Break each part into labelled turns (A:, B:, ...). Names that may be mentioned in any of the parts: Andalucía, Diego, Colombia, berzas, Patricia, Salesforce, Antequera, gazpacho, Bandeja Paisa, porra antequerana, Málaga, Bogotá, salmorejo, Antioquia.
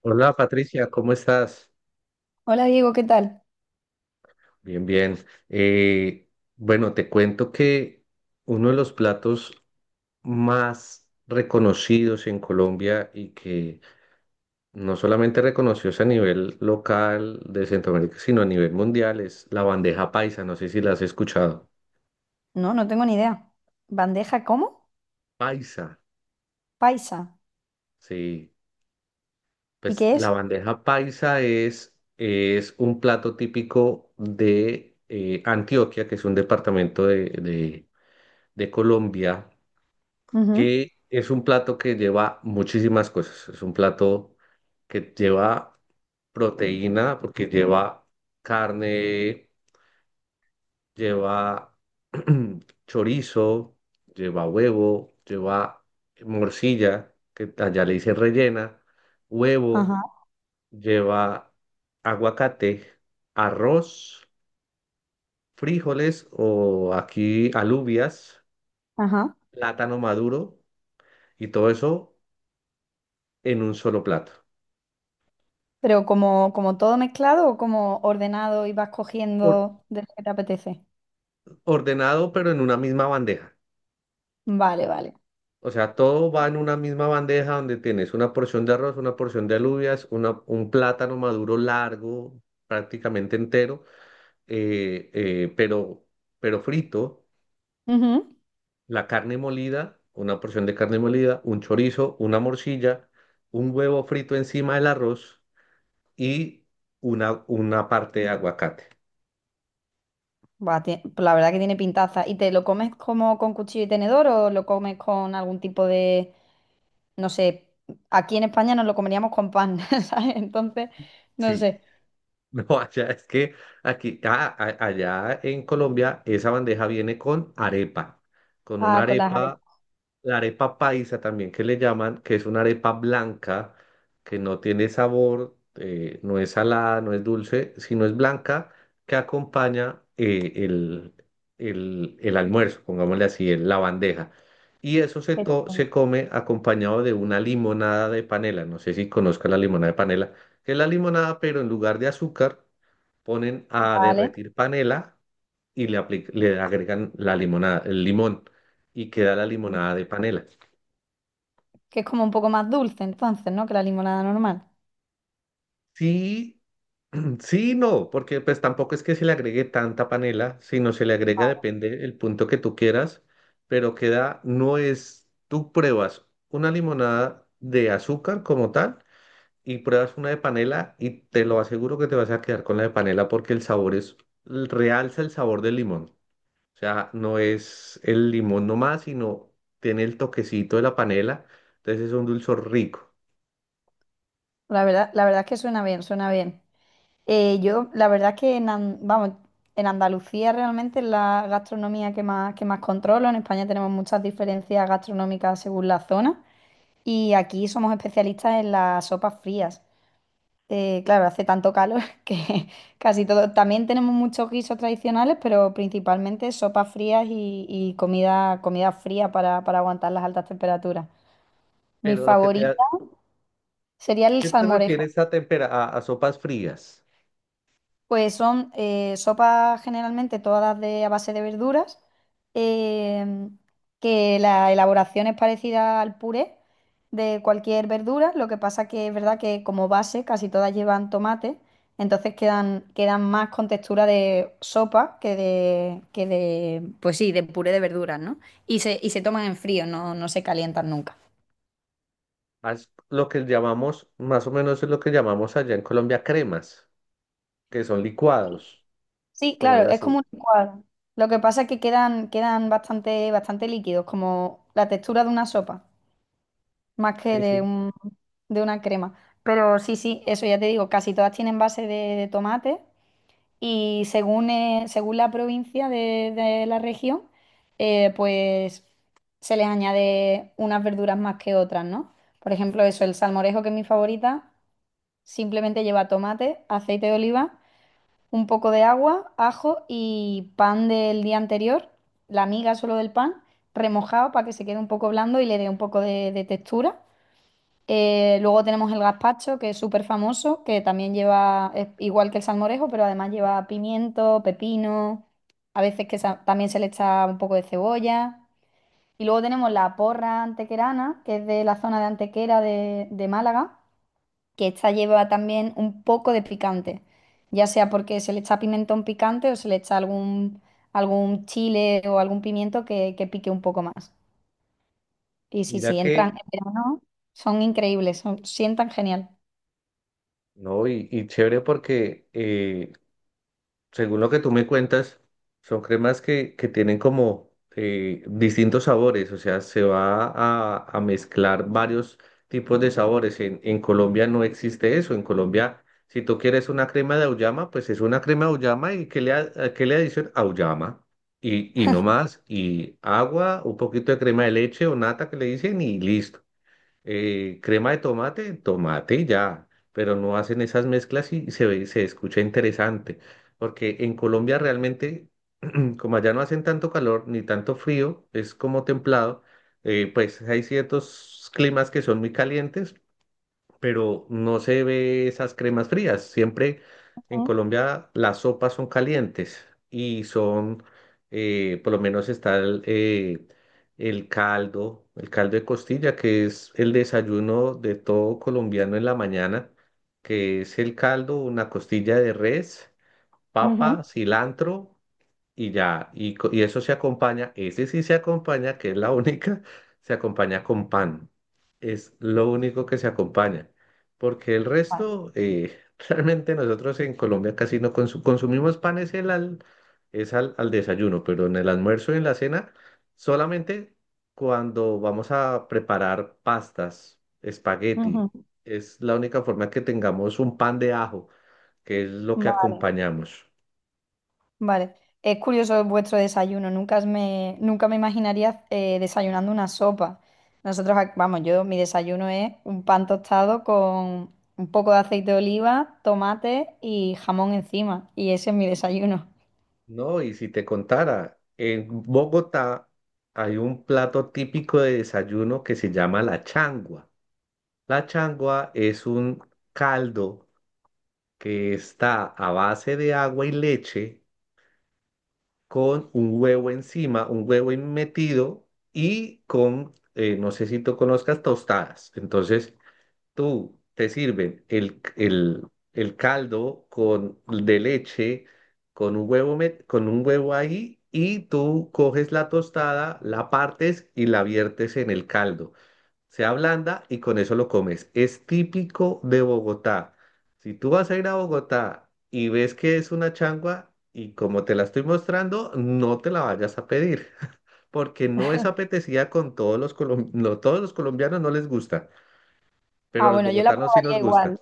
A: Hola Patricia, ¿cómo estás?
B: Hola Diego, ¿qué tal?
A: Bien, bien. Eh, bueno, te cuento que uno de los platos más reconocidos en Colombia y que no solamente reconocidos a nivel local de Centroamérica, sino a nivel mundial es la bandeja paisa. No sé si la has escuchado.
B: No, no tengo ni idea. ¿Bandeja cómo?
A: Paisa,
B: Paisa.
A: sí.
B: ¿Y
A: Pues
B: qué
A: la
B: es?
A: bandeja paisa es un plato típico de Antioquia, que es un departamento de de Colombia,
B: Ujú.
A: que es un plato que lleva muchísimas cosas. Es un plato que lleva proteína, porque lleva carne, lleva chorizo, lleva huevo, lleva morcilla, que allá le dicen rellena, huevo,
B: Ajá,
A: lleva aguacate, arroz, frijoles o aquí alubias,
B: ajá.
A: plátano maduro y todo eso en un solo plato.
B: Pero como, todo mezclado o como ordenado y vas cogiendo de lo que te apetece.
A: Ordenado, pero en una misma bandeja.
B: Vale, vale.
A: O sea, todo va en una misma bandeja donde tienes una porción de arroz, una porción de alubias, una, un plátano maduro largo, prácticamente entero, eh, eh, pero, pero frito,
B: Ujú.
A: la carne molida, una porción de carne molida, un chorizo, una morcilla, un huevo frito encima del arroz y una parte de aguacate.
B: Buah, pues la verdad que tiene pintaza. ¿Y te lo comes como con cuchillo y tenedor o lo comes con algún tipo de, no sé, aquí en España nos lo comeríamos con pan, ¿sabes? Entonces, no
A: Sí.
B: sé.
A: No, allá es que allá en Colombia, esa bandeja viene con arepa, con una
B: Ah, con las
A: arepa,
B: arepas.
A: la arepa paisa también que le llaman, que es una arepa blanca, que no tiene sabor, no es salada, no es dulce, sino es blanca, que acompaña el almuerzo, pongámosle así, la bandeja. Y eso se come acompañado de una limonada de panela, no sé si conozca la limonada de panela, que es la limonada, pero en lugar de azúcar ponen a
B: Vale.
A: derretir panela y le agregan la limonada, el limón y queda la limonada de panela.
B: Que es como un poco más dulce entonces, ¿no? Que la limonada normal.
A: Sí, sí, y no, porque pues tampoco es que se le agregue tanta panela, sino se le agrega, depende el punto que tú quieras, pero queda, no es, tú pruebas una limonada de azúcar como tal y pruebas una de panela y te lo aseguro que te vas a quedar con la de panela porque el sabor es, realza el sabor del limón. O sea, no es el limón nomás, sino tiene el toquecito de la panela. Entonces es un dulzor rico.
B: La verdad es que suena bien, suena bien. Yo, la verdad es que en, vamos, en Andalucía realmente es la gastronomía que más controlo. En España tenemos muchas diferencias gastronómicas según la zona y aquí somos especialistas en las sopas frías. Claro, hace tanto calor que casi todo. También tenemos muchos guisos tradicionales, pero principalmente sopas frías y comida, comida fría para aguantar las altas temperaturas. Mi
A: Pero lo que te,
B: favorito
A: ha-
B: sería el
A: ¿Qué te
B: salmorejo.
A: refieres a, a sopas frías?
B: Pues son sopas generalmente todas de, a base de verduras, em, que la elaboración es parecida al puré de cualquier verdura, lo que pasa que es verdad que como base casi todas llevan tomate, entonces quedan, quedan más con textura de sopa que de, pues sí, de puré de verduras, ¿no? Y se toman en frío, no, no se calientan nunca.
A: Haz lo que llamamos, más o menos es lo que llamamos allá en Colombia cremas, que son licuados,
B: Sí, claro,
A: pongámoslo
B: es como
A: así.
B: un licuado. Lo que pasa es que quedan, quedan bastante, bastante líquidos, como la textura de una sopa, más que
A: Sí,
B: de
A: sí.
B: un, de una crema. Pero sí, sí, eso ya te digo, casi todas tienen base de tomate y según, según la provincia de la región, pues se les añade unas verduras más que otras, ¿no? Por ejemplo, eso, el salmorejo, que es mi favorita, simplemente lleva tomate, aceite de oliva, un poco de agua, ajo y pan del día anterior, la miga solo del pan, remojado para que se quede un poco blando y le dé un poco de textura. Luego tenemos el gazpacho, que es súper famoso, que también lleva, es igual que el salmorejo, pero además lleva pimiento, pepino, a veces que también se le echa un poco de cebolla. Y luego tenemos la porra antequerana, que es de la zona de Antequera de Málaga, que esta lleva también un poco de picante, ya sea porque se le echa pimentón picante o se le echa algún, algún chile o algún pimiento que pique un poco más. Y sí,
A: Mira
B: sí, entran
A: que,
B: en verano, son increíbles, sientan genial.
A: no, y chévere porque según lo que tú me cuentas, son cremas que tienen como distintos sabores, o sea, se va a mezclar varios tipos de sabores. En Colombia no existe eso. En Colombia, si tú quieres una crema de auyama, pues es una crema de auyama y, ¿qué le adicionan? Auyama. Y no más, y agua, un poquito de crema de leche o nata que le dicen y listo, crema de tomate, tomate ya, pero no hacen esas mezclas y se ve, se escucha interesante, porque en Colombia realmente, como allá no hacen tanto calor ni tanto frío, es como templado, pues hay ciertos climas que son muy calientes, pero no se ve esas cremas frías. Siempre en
B: Ujú,
A: Colombia las sopas son calientes y son, por lo menos está el caldo de costilla, que es el desayuno de todo colombiano en la mañana, que es el caldo, una costilla de res, papa,
B: ujú,
A: cilantro y ya, y eso se acompaña, ese sí se acompaña, que es la única, se acompaña con pan. Es lo único que se acompaña, porque el
B: vale.
A: resto, realmente nosotros en Colombia casi no consumimos pan, es al, al desayuno, pero en el almuerzo y en la cena, solamente cuando vamos a preparar pastas,
B: Ujú,
A: espagueti, es la única forma que tengamos un pan de ajo, que es lo que
B: vale.
A: acompañamos.
B: Vale, es curioso vuestro desayuno. Nunca me, nunca me imaginaría desayunando una sopa. Nosotros, vamos, yo mi desayuno es un pan tostado con un poco de aceite de oliva, tomate y jamón encima. Y ese es mi desayuno.
A: No, y si te contara, en Bogotá hay un plato típico de desayuno que se llama la changua. La changua es un caldo que está a base de agua y leche con un huevo encima, un huevo metido y con, no sé si tú conozcas, tostadas. Entonces, tú te sirven el caldo con, de leche con un huevo, con un huevo ahí y tú coges la tostada, la partes y la viertes en el caldo. Se ablanda y con eso lo comes. Es típico de Bogotá. Si tú vas a ir a Bogotá y ves que es una changua y como te la estoy mostrando, no te la vayas a pedir porque no es apetecida con todos los colombianos no les gusta. Pero a
B: Ah,
A: los
B: bueno, yo la
A: bogotanos sí nos
B: probaría
A: gusta.
B: igual.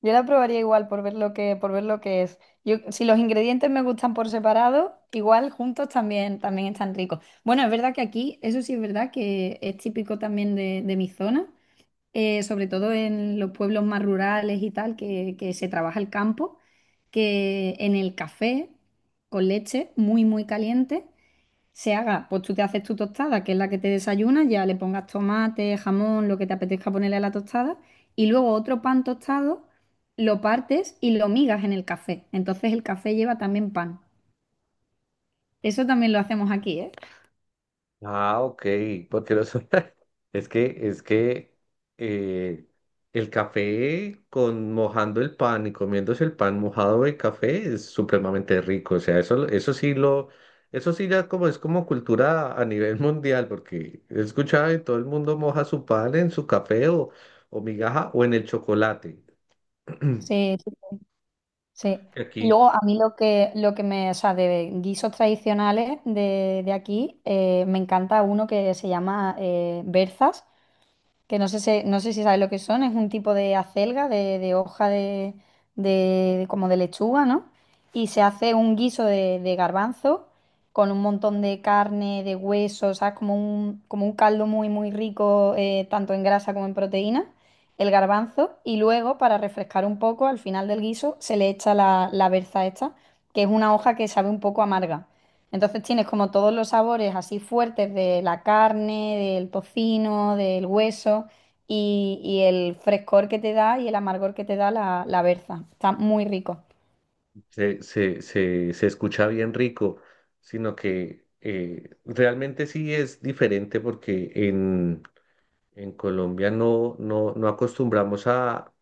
B: Yo la probaría igual por ver lo que, por ver lo que es. Yo, si los ingredientes me gustan por separado, igual juntos también, también están ricos. Bueno, es verdad que aquí, eso sí es verdad que es típico también de mi zona. Sobre todo en los pueblos más rurales y tal, que se trabaja el campo, que en el café con leche muy, muy caliente se haga, pues tú te haces tu tostada, que es la que te desayunas, ya le pongas tomate, jamón, lo que te apetezca ponerle a la tostada, y luego otro pan tostado lo partes y lo migas en el café. Entonces el café lleva también pan. Eso también lo hacemos aquí,
A: Ah, ok, porque los... Es que eh, el café con mojando el pan y comiéndose el pan mojado de café es supremamente rico. O sea, eso sí lo, eso sí ya como es como cultura a nivel mundial, porque he escuchado que todo el mundo moja su pan en su café o migaja o en el chocolate.
B: ¿eh? Sí.
A: Que
B: Y
A: aquí
B: luego a mí lo que me, o sea, de guisos tradicionales de aquí, me encanta uno que se llama berzas, que no sé, no sé si sabes lo que son, es un tipo de acelga, de hoja de, como de lechuga, ¿no? Y se hace un guiso de garbanzo con un montón de carne, de huesos, ¿sabes? Como un caldo muy, muy rico, tanto en grasa como en proteína, el garbanzo. Y luego, para refrescar un poco, al final del guiso se le echa la, la berza esta, que es una hoja que sabe un poco amarga. Entonces tienes como todos los sabores así fuertes de la carne, del tocino, del hueso y el frescor que te da y el amargor que te da la, la berza. Está muy rico.
A: se escucha bien rico, sino que realmente sí es diferente porque en Colombia no, no, no acostumbramos a,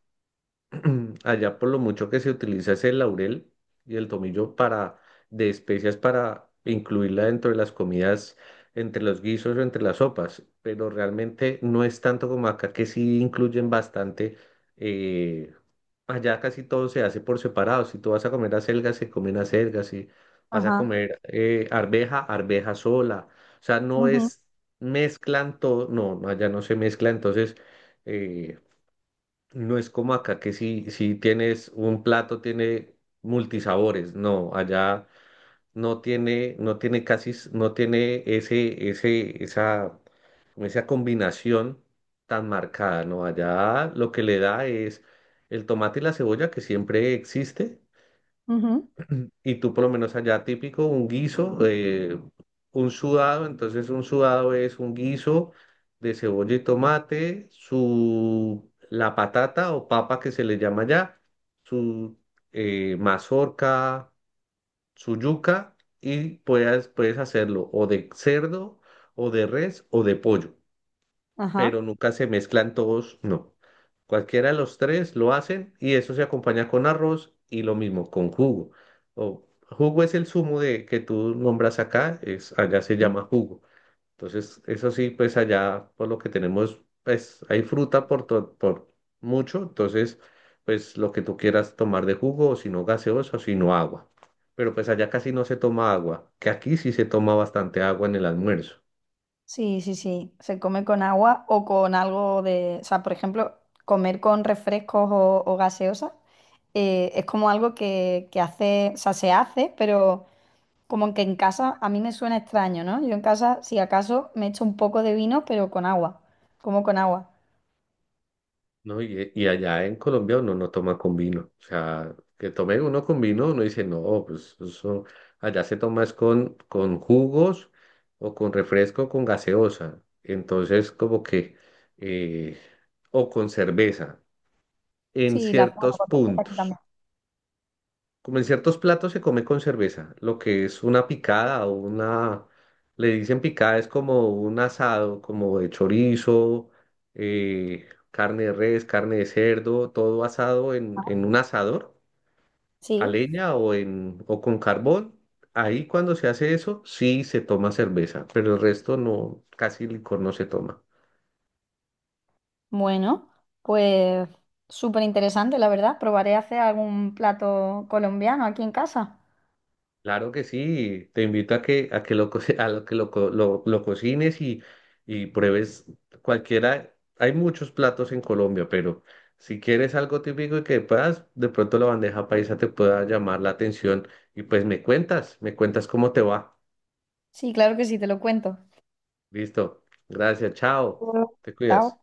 A: allá por lo mucho que se utiliza es el laurel y el tomillo para, de especias para incluirla dentro de las comidas, entre los guisos o entre las sopas, pero realmente no es tanto como acá que sí incluyen bastante. eh, Allá casi todo se hace por separado. Si tú vas a comer acelgas, se comen acelgas. Si vas a
B: Ajá,
A: comer arveja, arveja sola. O sea, no
B: ujú,
A: es mezclan todo. No, no, allá no se mezcla. Entonces, eh, no es como acá que si, si tienes un plato, tiene multisabores. No, allá no tiene, no tiene casi, no tiene ese, ese, esa con esa combinación tan marcada, ¿no? Allá lo que le da es el tomate y la cebolla que siempre existe,
B: ujú,
A: y tú por lo menos allá típico, un guiso, un sudado, entonces un sudado es un guiso de cebolla y tomate, su, la patata o papa que se le llama allá, su mazorca, su yuca, y puedes, puedes hacerlo o de cerdo, o de res, o de pollo, pero
B: ajá.
A: nunca se mezclan todos, no. Cualquiera de los tres lo hacen y eso se acompaña con arroz y lo mismo con jugo. O jugo es el zumo de que tú nombras acá, es allá se
B: Sí.
A: llama jugo. Entonces, eso sí, pues allá por lo que tenemos, pues hay fruta por mucho, entonces pues lo que tú quieras tomar de jugo, o si no gaseosa, o si no agua. Pero pues allá casi no se toma agua, que aquí sí se toma bastante agua en el almuerzo.
B: Sí, sí, sí. Se come con agua o con algo de... O sea, por ejemplo, comer con refrescos o gaseosas, es como algo que hace, o sea, se hace, pero como que en casa a mí me suena extraño, ¿no? Yo en casa, si acaso, me echo un poco de vino, pero con agua. Como con agua.
A: No, y allá en Colombia uno no toma con vino. O sea, que tome uno con vino, uno dice, no, pues eso allá se toma es con jugos o con refresco, con gaseosa. Entonces, como que, eh, o con cerveza, en
B: Sí, la zona
A: ciertos
B: por supuesto, aquí
A: puntos.
B: también.
A: Como en ciertos platos se come con cerveza, lo que es una picada o una, le dicen picada, es como un asado, como de chorizo, carne de res, carne de cerdo, todo asado en un asador, a
B: Sí,
A: leña o, en, o con carbón. Ahí cuando se hace eso, sí se toma cerveza, pero el resto no, casi licor no se toma.
B: bueno, pues súper interesante, la verdad. Probaré a hacer algún plato colombiano aquí en casa.
A: Claro que sí, te invito a que, a lo que lo cocines y pruebes cualquiera. Hay muchos platos en Colombia, pero si quieres algo típico y que puedas, de pronto la bandeja paisa te pueda llamar la atención y pues me cuentas cómo te va.
B: Sí, claro que sí, te lo cuento.
A: Listo, gracias, chao, te
B: Chao.
A: cuidas.